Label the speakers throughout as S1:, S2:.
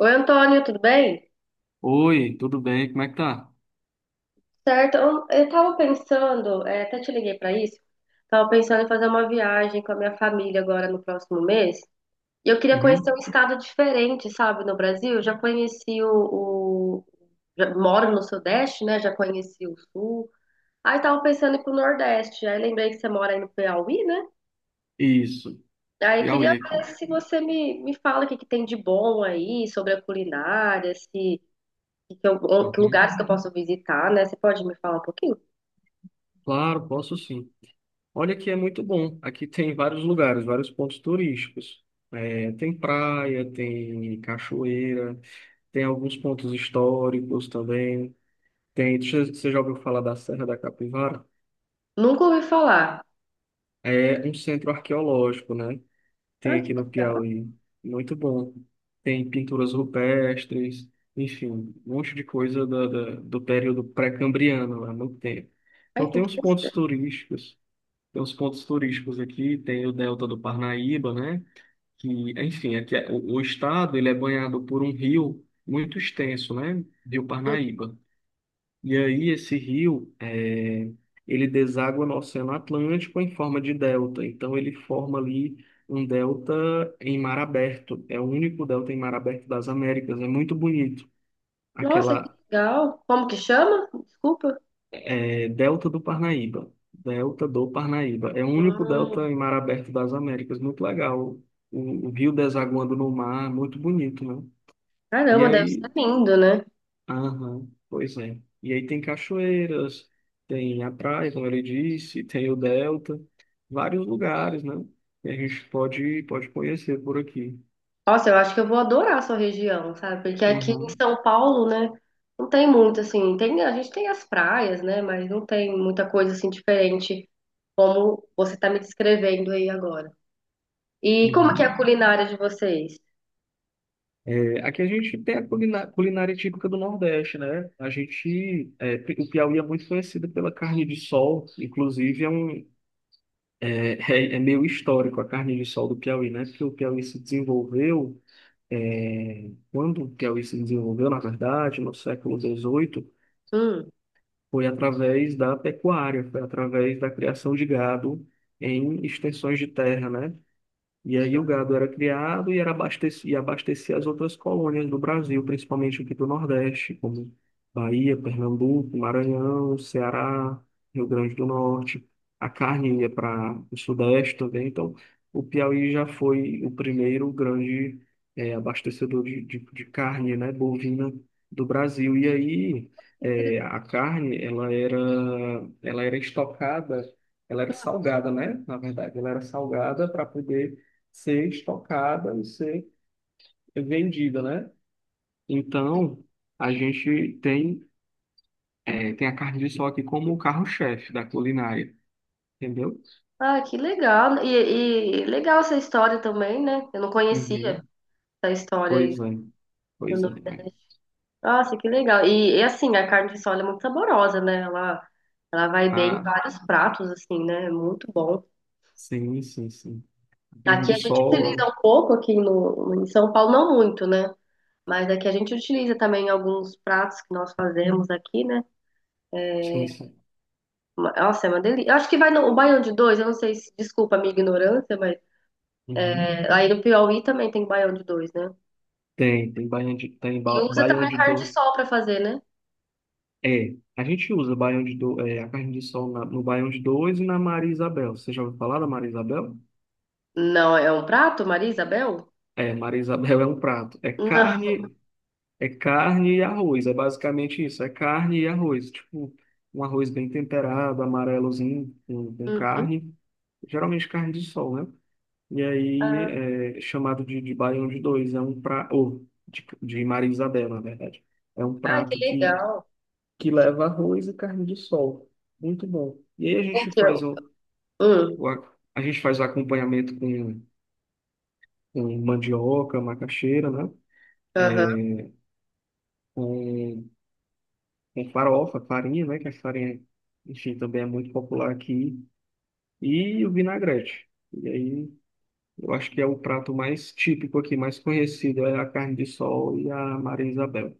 S1: Oi, Antônio, tudo bem?
S2: Oi, tudo bem? Como é que tá?
S1: Certo, eu tava pensando, é, até te liguei para isso, tava pensando em fazer uma viagem com a minha família agora no próximo mês, e eu queria conhecer
S2: Uhum.
S1: um estado diferente, sabe, no Brasil. Eu já conheci o, o- já moro no Sudeste, né, já conheci o Sul, aí tava pensando em ir pro Nordeste, aí lembrei que você mora aí no Piauí, né,
S2: Isso,
S1: aí
S2: Piauí
S1: queria ver
S2: aqui.
S1: se você me fala o que que tem de bom aí, sobre a culinária, se... que
S2: Uhum.
S1: lugares que eu posso visitar, né? Você pode me falar um pouquinho?
S2: Claro, posso sim. Olha que é muito bom. Aqui tem vários lugares, vários pontos turísticos. É, tem praia, tem cachoeira, tem alguns pontos históricos também. Tem, você já ouviu falar da Serra da Capivara?
S1: Nunca ouvi falar.
S2: É um centro arqueológico, né?
S1: Ai,
S2: Tem
S1: que
S2: aqui no
S1: legal.
S2: Piauí. Muito bom. Tem pinturas rupestres, enfim, um monte de coisa do período pré-cambriano, há muito tempo.
S1: Ai,
S2: Então
S1: que
S2: tem uns pontos
S1: interessante.
S2: turísticos, tem uns pontos turísticos aqui, tem o Delta do Parnaíba, né? Que, enfim, o estado ele é banhado por um rio muito extenso, né? Rio
S1: Hum.
S2: Parnaíba. E aí esse rio, ele deságua no Oceano Atlântico em forma de delta. Então ele forma ali um delta em mar aberto. É o único delta em mar aberto das Américas. É muito bonito.
S1: Nossa, que
S2: Aquela
S1: legal. Como que chama? Desculpa.
S2: delta do Parnaíba. Delta do Parnaíba. É o único
S1: Hum,
S2: delta em mar aberto das Américas. Muito legal. O rio desaguando no mar, muito bonito, né? E
S1: caramba, deve ser
S2: aí
S1: lindo, né?
S2: aham, pois é. E aí tem cachoeiras, tem a praia, como ele disse, tem o Delta, vários lugares, né? Que a gente pode, pode conhecer por aqui.
S1: Nossa, eu acho que eu vou adorar a sua região, sabe? Porque aqui em
S2: Uhum,
S1: São Paulo, né? Não tem muito, assim. Tem, a gente tem as praias, né? Mas não tem muita coisa, assim, diferente como você tá me descrevendo aí agora. E como que é
S2: uhum.
S1: a culinária de vocês?
S2: É, aqui a gente tem a culinária típica do Nordeste, né? A gente, é, o Piauí é muito conhecido pela carne de sol, inclusive é um, é, é meio histórico a carne de sol do Piauí, né? Porque o Piauí se desenvolveu. É, quando o Piauí se desenvolveu, na verdade, no século XVIII,
S1: Hum.
S2: foi através da pecuária, foi através da criação de gado em extensões de terra, né? E aí o gado era criado e abastecia as outras colônias do Brasil, principalmente aqui do Nordeste, como Bahia, Pernambuco, Maranhão, Ceará, Rio Grande do Norte. A carne ia para o Sudeste também. Então, o Piauí já foi o primeiro grande abastecedor de carne, né, bovina do Brasil. E aí a carne, ela era estocada, ela era salgada, né? Na verdade, ela era salgada para poder ser estocada e ser vendida, né? Então, a gente tem, é, tem a carne de sol aqui como o carro-chefe da culinária, entendeu?
S1: Ah, que legal. E legal essa história também, né? Eu não conhecia.
S2: Uhum.
S1: Da história aí
S2: Pois é,
S1: do
S2: pois é.
S1: Nordeste. Nossa, que legal. E, assim, a carne de sol é muito saborosa, né? Ela vai bem em
S2: Ah,
S1: vários pratos, assim, né? É muito bom.
S2: sim, sim, sim. Carne
S1: Aqui
S2: de
S1: a gente utiliza
S2: sol,
S1: um pouco, aqui no, em São Paulo não muito, né? Mas aqui a gente utiliza também alguns pratos que nós fazemos aqui, né?
S2: sim, sim.
S1: Nossa, é uma delícia. Eu acho que vai no o baião de dois, eu não sei se, desculpa a minha ignorância, mas
S2: Uhum.
S1: é, aí no Piauí também tem baião de dois, né?
S2: Tem, tem baião de,
S1: E usa
S2: baião
S1: também
S2: de
S1: carne de
S2: dois.
S1: sol pra fazer, né?
S2: É, a gente usa baião de do, é, a carne de sol no baião de dois e na Maria Isabel. Você já ouviu falar da Maria Isabel?
S1: Não, é um prato, Maria Isabel?
S2: É, Maria Isabel é um prato.
S1: Não.
S2: É carne e arroz, é basicamente isso. É carne e arroz. Tipo, um arroz bem temperado, amarelozinho, com
S1: Uhum.
S2: carne. Geralmente carne de sol, né? E aí
S1: Ah.
S2: é chamado de baião de dois. É um prato, ou de Maria Isabel, na verdade. É um
S1: Ah, que
S2: prato
S1: legal.
S2: que leva arroz e carne de sol. Muito bom. E aí a gente faz
S1: Então, hum,
S2: o a, a gente faz o acompanhamento com mandioca, macaxeira, né?
S1: aham,
S2: É, Com com farofa, farinha, né? Que a farinha, enfim, também é muito popular aqui. E o vinagrete. E aí, eu acho que é o prato mais típico aqui, mais conhecido, é a carne de sol e a Maria Isabel.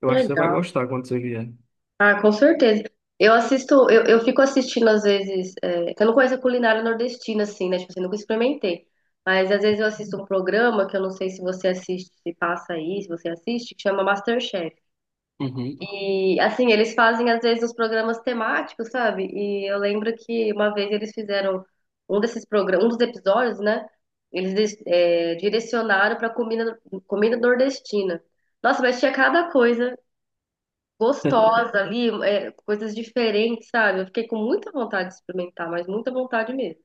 S2: Eu
S1: que
S2: acho que você vai
S1: legal.
S2: gostar quando você vier.
S1: Ah, com certeza. Eu assisto, eu fico assistindo às vezes, é, que eu não conheço a culinária nordestina, assim, né? Tipo assim, nunca experimentei. Mas às vezes eu assisto um programa que eu não sei se você assiste, se passa aí, se você assiste, que chama MasterChef.
S2: Uhum.
S1: E assim, eles fazem às vezes os programas temáticos, sabe? E eu lembro que uma vez eles fizeram um desses programas, um dos episódios, né? Direcionaram para comida, comida nordestina. Nossa, mas tinha cada coisa gostosa ali, é, coisas diferentes, sabe? Eu fiquei com muita vontade de experimentar, mas muita vontade mesmo.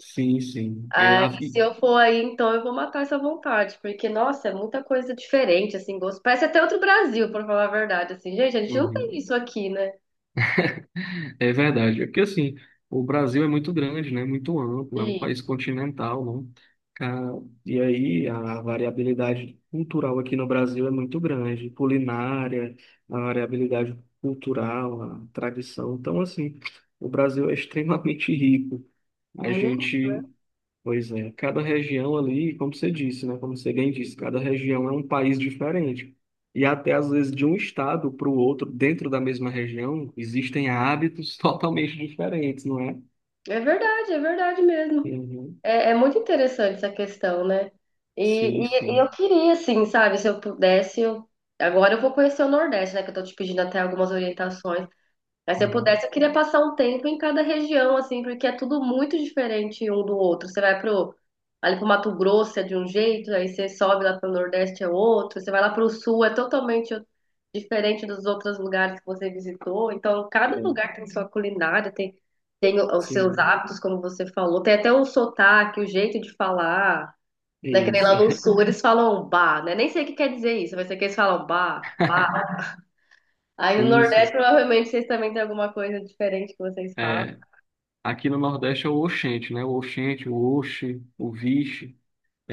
S2: Sim, sim. É
S1: Aí,
S2: a...
S1: se eu for aí, então eu vou matar essa vontade, porque, nossa, é muita coisa diferente, assim, gosto. Parece até outro Brasil, pra falar a verdade, assim, gente, a gente não tem
S2: Uhum.
S1: isso aqui, né?
S2: É verdade. É porque, assim, o Brasil é muito grande, né? Muito amplo, é um
S1: Sim,
S2: país continental, né? Ah, e aí a variabilidade cultural aqui no Brasil é muito grande, culinária, a variabilidade cultural, a tradição. Então, assim, o Brasil é extremamente rico. A
S1: mu-
S2: gente pois é, cada região ali, como você disse, né? Como você bem disse, cada região é um país diferente. E até às vezes de um estado para o outro, dentro da mesma região, existem hábitos totalmente diferentes, não é?
S1: é verdade mesmo.
S2: Uhum.
S1: É, é muito interessante essa questão, né? E,
S2: Sim,
S1: e eu
S2: sim.
S1: queria, assim, sabe, se eu pudesse, eu... Agora eu vou conhecer o Nordeste, né? Que eu tô te pedindo até algumas orientações. Mas se eu
S2: Uhum.
S1: pudesse, eu queria passar um tempo em cada região, assim, porque é tudo muito diferente um do outro. Você vai pro, ali pro Mato Grosso é de um jeito, aí você sobe lá pro Nordeste é outro, você vai lá pro Sul é totalmente diferente dos outros lugares que você visitou. Então, cada
S2: É,
S1: lugar tem sua culinária, tem, os seus
S2: sim,
S1: hábitos, como você falou, tem até o sotaque, o jeito de falar, né? Que nem
S2: isso.
S1: lá no Sul eles falam bah, né? Nem sei o que quer dizer isso, mas sei que eles falam bah. Aí no
S2: Sim,
S1: Nordeste,
S2: sim.
S1: provavelmente, vocês também têm alguma coisa diferente que vocês falam.
S2: É, aqui no Nordeste é o oxente, né? O oxente, o oxe, o vixe.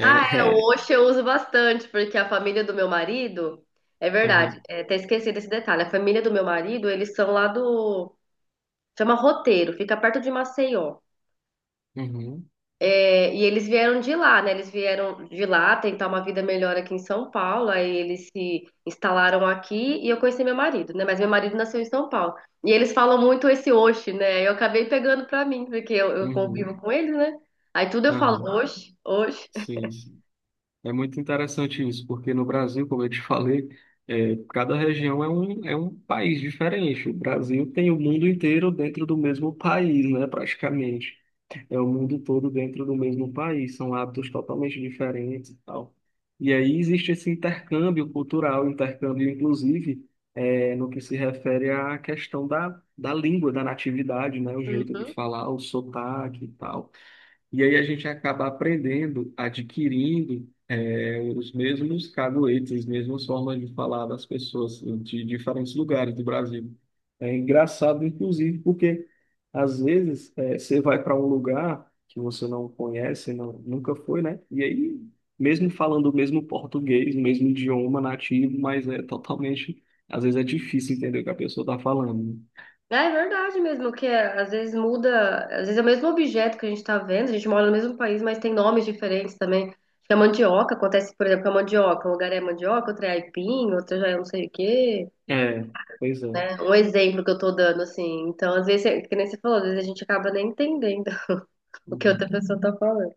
S1: Ah, é, o
S2: é.
S1: Oxe eu uso bastante, porque a família do meu marido, é verdade,
S2: Aham,
S1: é, até esqueci desse detalhe, a família do meu marido, eles são lá do, chama Roteiro, fica perto de Maceió.
S2: uhum,
S1: É, e eles vieram de lá, né? Eles vieram de lá tentar uma vida melhor aqui em São Paulo. Aí eles se instalaram aqui e eu conheci meu marido, né? Mas meu marido nasceu em São Paulo. E eles falam muito esse oxe, né? Eu acabei pegando pra mim, porque eu
S2: uhum,
S1: convivo com eles, né? Aí tudo eu falo
S2: aham.
S1: oxe, oxe.
S2: Sim, sim. É muito interessante isso, porque no Brasil, como eu te falei, é, cada região é um país diferente. O Brasil tem o mundo inteiro dentro do mesmo país, né, praticamente. É o mundo todo dentro do mesmo país, são hábitos totalmente diferentes e tal. E aí existe esse intercâmbio cultural, intercâmbio, inclusive, é, no que se refere à questão da língua, da natividade, né, o jeito de
S1: Uhum.
S2: falar, o sotaque e tal. E aí a gente acaba aprendendo, adquirindo os mesmos caguetes, as mesmas formas de falar das pessoas de diferentes lugares do Brasil. É engraçado, inclusive, porque às vezes você vai para um lugar que você não conhece, não, nunca foi, né? E aí, mesmo falando o mesmo português, o mesmo idioma nativo, mas é totalmente, às vezes é difícil entender o que a pessoa está falando.
S1: É, é verdade mesmo, que é, às vezes muda, às vezes é o mesmo objeto que a gente tá vendo, a gente mora no mesmo país, mas tem nomes diferentes também. Acho que A mandioca acontece, por exemplo, com a mandioca. Um lugar é mandioca, outro é aipim, outro já é não sei o quê,
S2: É, pois é.
S1: né? Um exemplo que eu tô dando, assim. Então, às vezes, é- que nem você falou, às vezes a gente acaba nem entendendo o que
S2: Uhum.
S1: outra pessoa tá falando.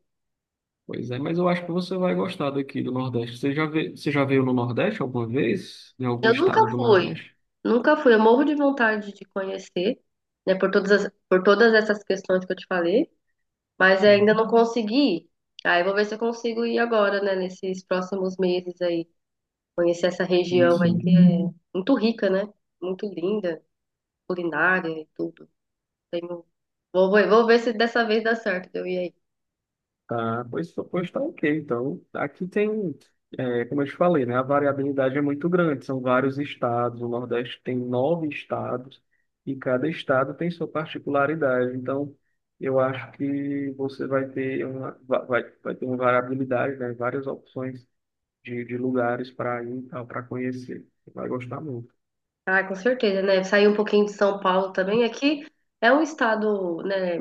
S2: Pois é, mas eu acho que você vai gostar daqui do Nordeste. Você já veio no Nordeste alguma vez? Em algum
S1: Eu nunca
S2: estado do
S1: fui,
S2: Nordeste?
S1: nunca fui. Eu morro de vontade de conhecer, né? Por todas por todas essas questões que eu te falei, mas
S2: Sim,
S1: ainda não consegui ir. Aí eu vou ver se eu consigo ir agora, né? Nesses próximos meses aí, conhecer essa
S2: sim,
S1: região aí que
S2: sim.
S1: é muito rica, né? Muito linda, culinária e tudo. Tenho... Vou ver se dessa vez dá certo de eu ir aí.
S2: Tá, pois, pois tá ok. Então, aqui tem, é, como eu te falei, né? A variabilidade é muito grande, são vários estados. O Nordeste tem 9 estados e cada estado tem sua particularidade. Então, eu acho que você vai ter uma, vai, vai ter uma variabilidade, né? Várias opções de lugares para ir e tal, para conhecer. Você vai gostar muito.
S1: Ah, com certeza, né? Sair um pouquinho de São Paulo também. Aqui é um estado, né?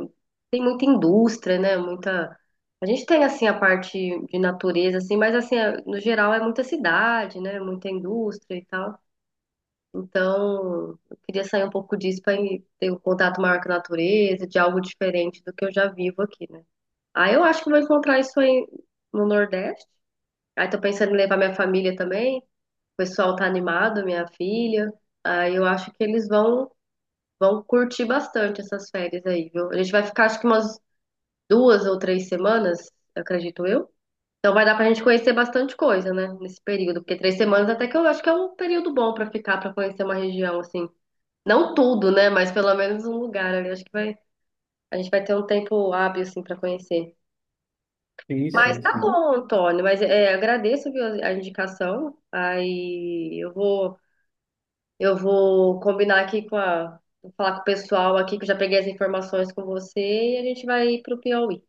S1: Tem muita indústria, né? Muita. A gente tem assim a parte de natureza, assim, mas assim, é- no geral é muita cidade, né? Muita indústria e tal. Então, eu queria sair um pouco disso para ter um contato maior com a natureza, de algo diferente do que eu já vivo aqui, né? Aí eu acho que eu vou encontrar isso aí no Nordeste. Aí tô pensando em levar minha família também. O pessoal tá animado, minha filha. Aí eu acho que eles vão curtir bastante essas férias aí, viu? A gente vai ficar acho que umas 2 ou 3 semanas, acredito eu. Então vai dar pra gente conhecer bastante coisa, né? Nesse período, porque 3 semanas até que eu acho que é um período bom pra ficar, pra conhecer uma região assim. Não tudo, né? Mas pelo menos um lugar ali. Acho que vai, a gente vai ter um tempo hábil assim pra conhecer.
S2: Sim,
S1: Mas
S2: sim,
S1: tá
S2: sim.
S1: bom, Antônio. Mas é, agradeço, viu, a indicação. Aí eu vou Eu vou combinar aqui com a. Vou falar com o pessoal aqui que eu já peguei as informações com você e a gente vai pro Piauí.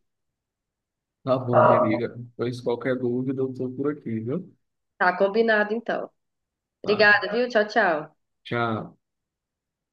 S2: Tá bom, minha amiga. Pois qualquer dúvida, eu tô por aqui, viu?
S1: Tá combinado então.
S2: Tá.
S1: Obrigada, viu? Tchau, tchau.
S2: Tchau.